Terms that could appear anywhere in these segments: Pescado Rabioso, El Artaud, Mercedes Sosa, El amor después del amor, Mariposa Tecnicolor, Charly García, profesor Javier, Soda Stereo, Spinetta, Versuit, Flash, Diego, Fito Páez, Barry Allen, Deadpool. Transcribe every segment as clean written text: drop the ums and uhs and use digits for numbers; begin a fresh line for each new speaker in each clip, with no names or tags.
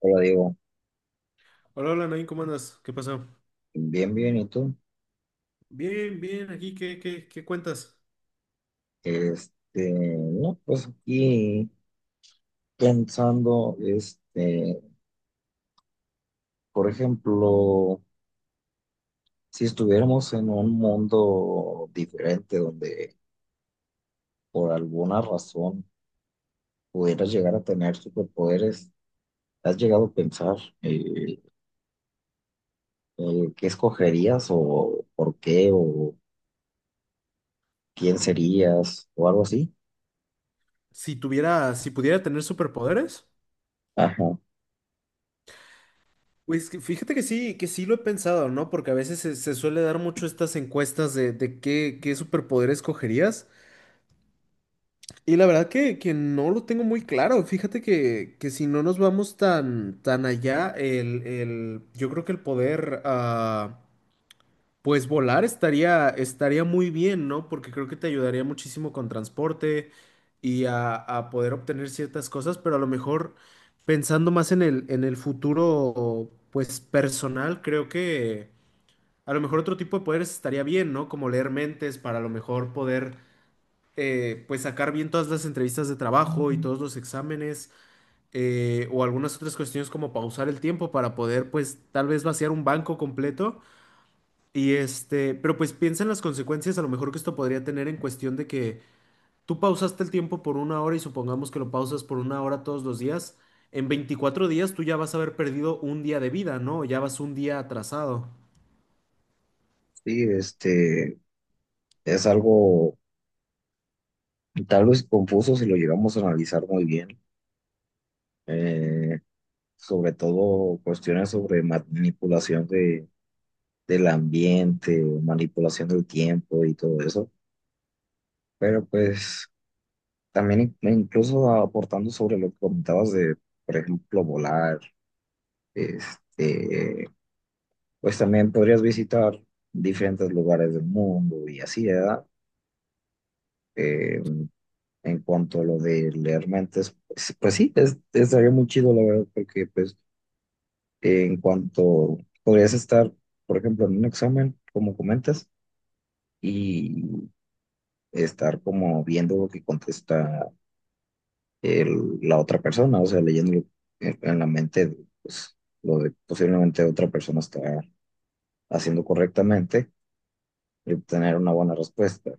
Hola, Diego.
Hola, hola, Nain, ¿cómo andas? ¿Qué pasó?
Bien, bien, ¿y tú?
Bien, bien, aquí, ¿qué cuentas?
Este, no, pues aquí pensando, este, por ejemplo, si estuviéramos en un mundo diferente donde por alguna razón pudieras llegar a tener superpoderes, ¿has llegado a pensar eh, qué escogerías o por qué o quién serías o algo así?
Si tuviera, si pudiera tener superpoderes.
Ajá,
Pues que fíjate que sí lo he pensado, ¿no? Porque a veces se suele dar mucho estas encuestas de qué superpoder escogerías. Y la verdad que no lo tengo muy claro. Fíjate que si no nos vamos tan allá, yo creo que el poder. Pues volar estaría muy bien, ¿no? Porque creo que te ayudaría muchísimo con transporte y a poder obtener ciertas cosas, pero a lo mejor pensando más en el futuro, pues personal, creo que a lo mejor otro tipo de poderes estaría bien, ¿no? Como leer mentes para a lo mejor pues sacar bien todas las entrevistas de trabajo y todos los exámenes, o algunas otras cuestiones como pausar el tiempo para poder, pues tal vez vaciar un banco completo y pero pues piensa en las consecuencias a lo mejor que esto podría tener en cuestión de que tú pausaste el tiempo por una hora y supongamos que lo pausas por una hora todos los días, en 24 días tú ya vas a haber perdido un día de vida, ¿no? Ya vas un día atrasado.
sí, este, es algo tal vez confuso si lo llegamos a analizar muy bien. eh, Sobre todo cuestiones sobre manipulación de, del ambiente, manipulación del tiempo y todo eso, pero pues también incluso aportando sobre lo que comentabas de, por ejemplo, volar, este, pues también podrías visitar diferentes lugares del mundo y así, ¿verdad? Eh, en cuanto a lo de leer mentes, pues, pues sí, es, estaría muy chido, la verdad, porque pues en cuanto podrías estar, por ejemplo, en un examen, como comentas, y estar como viendo lo que contesta la otra persona, o sea, leyendo en la mente, pues, lo que posiblemente otra persona está haciendo correctamente y obtener una buena respuesta.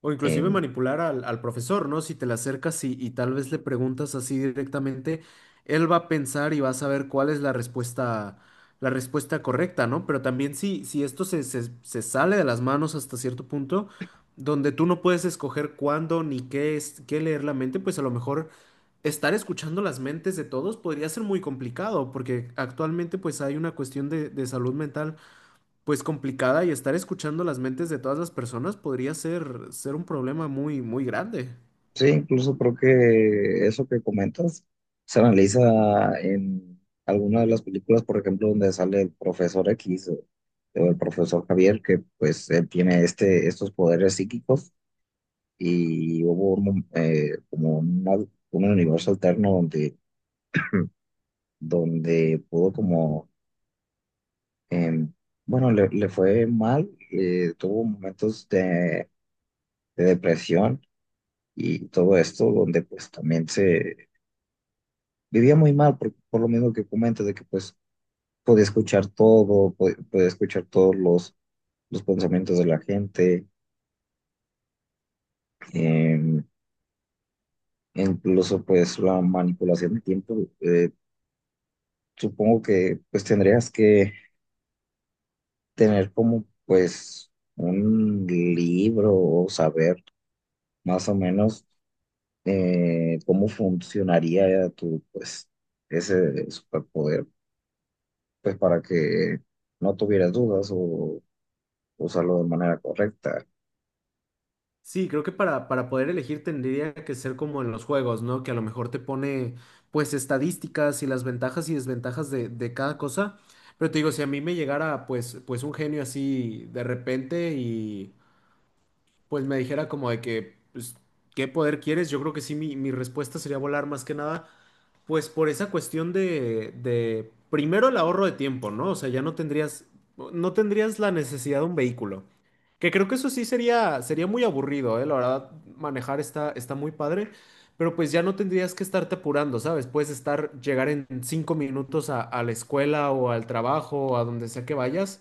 O inclusive manipular al profesor, ¿no? Si te le acercas y tal vez le preguntas así directamente, él va a pensar y va a saber cuál es la respuesta correcta, ¿no? Pero también si esto se sale de las manos hasta cierto punto, donde tú no puedes escoger cuándo ni qué es, qué leer la mente, pues a lo mejor estar escuchando las mentes de todos podría ser muy complicado, porque actualmente pues hay una cuestión de salud mental pues complicada y estar escuchando las mentes de todas las personas podría ser un problema muy, muy grande.
Sí, incluso creo que eso que comentas se analiza en alguna de las películas, por ejemplo, donde sale el profesor X o el profesor Javier, que pues él tiene este, estos poderes psíquicos y hubo un como un universo alterno donde, donde pudo como, em, bueno, le fue mal, tuvo momentos de depresión y todo esto donde pues también se vivía muy mal por lo mismo que comentas, de que pues podía escuchar todo, podía escuchar todos los pensamientos de la gente, eh, incluso pues la manipulación de tiempo. Supongo que pues tendrías que tener como pues un libro o saber más o menos cómo funcionaría tu pues ese superpoder, pues para que no tuvieras dudas o usarlo de manera correcta.
Sí, creo que para poder elegir tendría que ser como en los juegos, ¿no? Que a lo mejor te pone pues estadísticas y las ventajas y desventajas de cada cosa. Pero te digo, si a mí me llegara pues, pues un genio así de repente y pues me dijera como de que, pues, ¿qué poder quieres? Yo creo que sí, mi respuesta sería volar más que nada. Pues por esa cuestión de, primero el ahorro de tiempo, ¿no? O sea, ya no tendrías, no tendrías la necesidad de un vehículo. Que creo que eso sí sería, sería muy aburrido, ¿eh? La verdad, manejar está muy padre, pero pues ya no tendrías que estarte apurando, ¿sabes? Puedes estar, llegar en 5 minutos a la escuela o al trabajo o a donde sea que vayas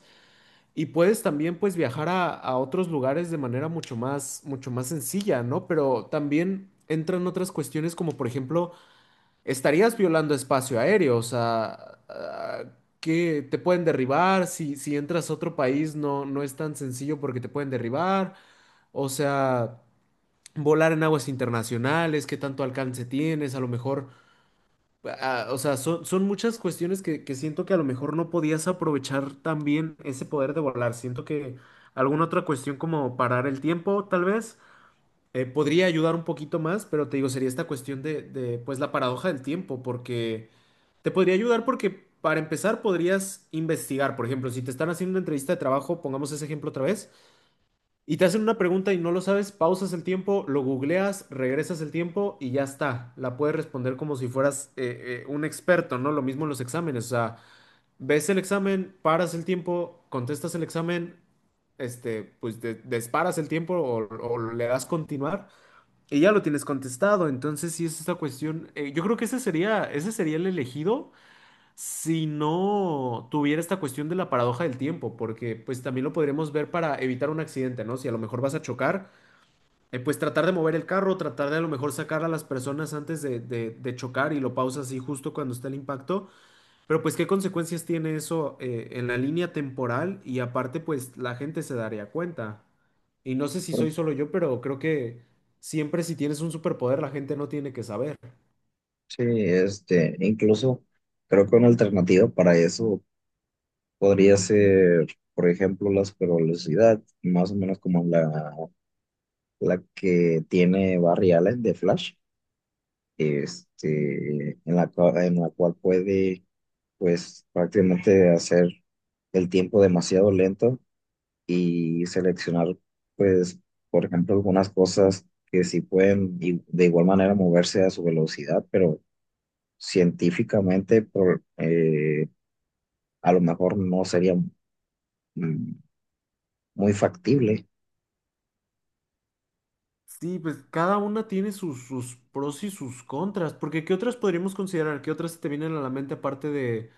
y puedes también pues viajar a otros lugares de manera mucho más sencilla, ¿no? Pero también entran otras cuestiones como por ejemplo estarías violando espacio aéreo, o sea, que te pueden derribar, si entras a otro país no, no es tan sencillo porque te pueden derribar, o sea, volar en aguas internacionales, qué tanto alcance tienes, a lo mejor, o sea, son muchas cuestiones que siento que a lo mejor no podías aprovechar también ese poder de volar, siento que alguna otra cuestión como parar el tiempo, tal vez. Podría ayudar un poquito más, pero te digo, sería esta cuestión de, pues, la paradoja del tiempo, porque te podría ayudar porque para empezar podrías investigar, por ejemplo, si te están haciendo una entrevista de trabajo, pongamos ese ejemplo otra vez, y te hacen una pregunta y no lo sabes, pausas el tiempo, lo googleas, regresas el tiempo y ya está. La puedes responder como si fueras un experto, ¿no? Lo mismo en los exámenes, o sea, ves el examen, paras el tiempo, contestas el examen, disparas el tiempo o le das continuar y ya lo tienes contestado. Entonces, si es esta cuestión, yo creo que ese sería el elegido si no tuviera esta cuestión de la paradoja del tiempo, porque pues también lo podríamos ver para evitar un accidente, ¿no? Si a lo mejor vas a chocar, pues tratar de mover el carro, tratar de a lo mejor sacar a las personas antes de, de chocar y lo pausas así justo cuando está el impacto, pero pues qué consecuencias tiene eso en la línea temporal y aparte pues la gente se daría cuenta. Y no sé si soy solo yo, pero creo que siempre si tienes un superpoder la gente no tiene que saber.
Sí, este, incluso creo que una alternativa para eso podría ser, por ejemplo, la supervelocidad, más o menos como la que tiene Barry Allen de Flash, este, en la, en la cual puede, pues, prácticamente hacer el tiempo demasiado lento y seleccionar, pues, por ejemplo, algunas cosas que sí pueden de igual manera moverse a su velocidad, pero científicamente a lo mejor no sería mm, muy factible.
Sí, pues cada una tiene sus pros y sus contras, porque ¿qué otras podríamos considerar? ¿Qué otras se te vienen a la mente aparte de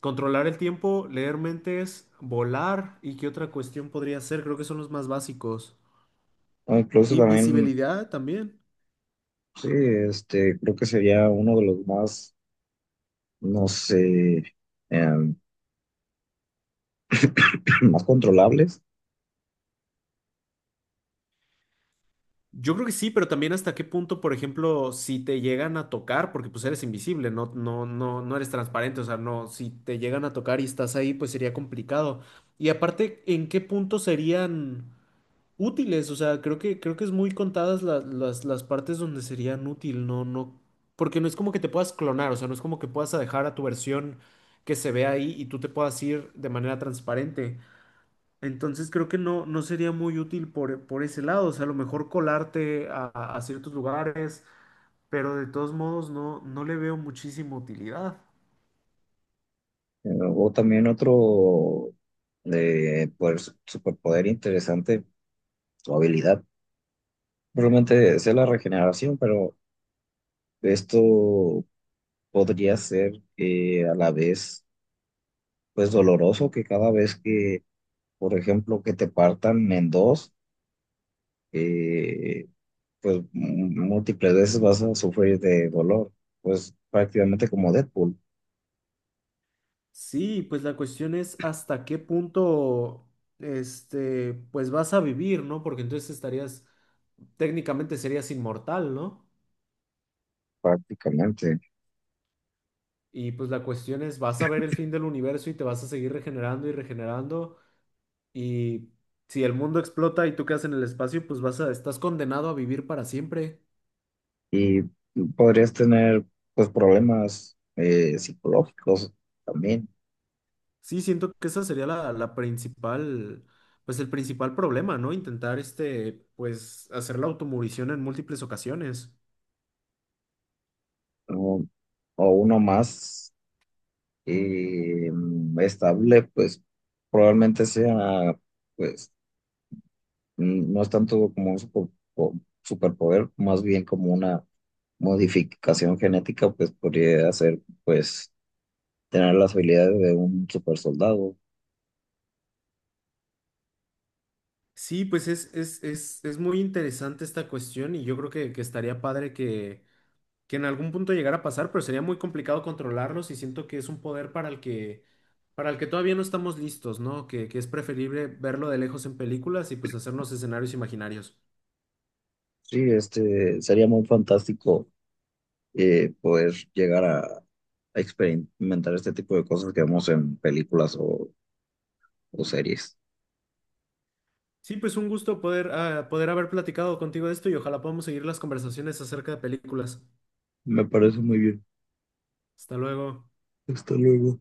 controlar el tiempo, leer mentes, volar? ¿Y qué otra cuestión podría ser? Creo que son los más básicos.
O incluso también,
Invisibilidad también.
sí, este, creo que sería uno de los más, no sé, em, más controlables.
Yo creo que sí, pero también hasta qué punto, por ejemplo, si te llegan a tocar, porque pues eres invisible, no, no, no, no eres transparente, o sea, no, si te llegan a tocar y estás ahí, pues sería complicado. Y aparte, ¿en qué punto serían útiles? O sea, creo que es muy contadas las partes donde serían útil, no, no, porque no es como que te puedas clonar, o sea, no es como que puedas dejar a tu versión que se ve ahí y tú te puedas ir de manera transparente. Entonces creo que no, no sería muy útil por ese lado, o sea, a lo mejor colarte a ciertos lugares, pero de todos modos no, no le veo muchísima utilidad.
O también otro de pues, superpoder interesante, su habilidad. Probablemente sea la regeneración, pero esto podría ser a la vez pues doloroso que cada vez que por ejemplo, que te partan en dos, eh, pues múltiples veces vas a sufrir de dolor, pues prácticamente como Deadpool,
Sí, pues la cuestión es hasta qué punto, pues vas a vivir, ¿no? Porque entonces estarías, técnicamente serías inmortal, ¿no?
prácticamente.
Y pues la cuestión es, vas a ver el fin del universo y te vas a seguir regenerando y regenerando. Y si el mundo explota y tú quedas en el espacio, pues vas a, estás condenado a vivir para siempre.
Y podrías tener, pues, problemas psicológicos también,
Sí, siento que esa sería la principal, pues el principal problema, ¿no? Intentar, pues hacer la automurición en múltiples ocasiones.
¿no? O uno más estable, pues probablemente sea, pues, no es tanto como un po- superpoder, más bien como una modificación genética, pues podría hacer, pues, tener las habilidades de un super soldado.
Sí, pues es muy interesante esta cuestión y yo creo que estaría padre que en algún punto llegara a pasar, pero sería muy complicado controlarlos y siento que es un poder para para el que todavía no estamos listos, ¿no? Que es preferible verlo de lejos en películas y pues hacernos escenarios imaginarios.
Sí, este, sería muy fantástico poder llegar a experimentar este tipo de cosas que vemos en películas o series.
Sí, pues un gusto poder, poder haber platicado contigo de esto y ojalá podamos seguir las conversaciones acerca de películas.
Me parece muy bien.
Hasta luego.
Hasta luego.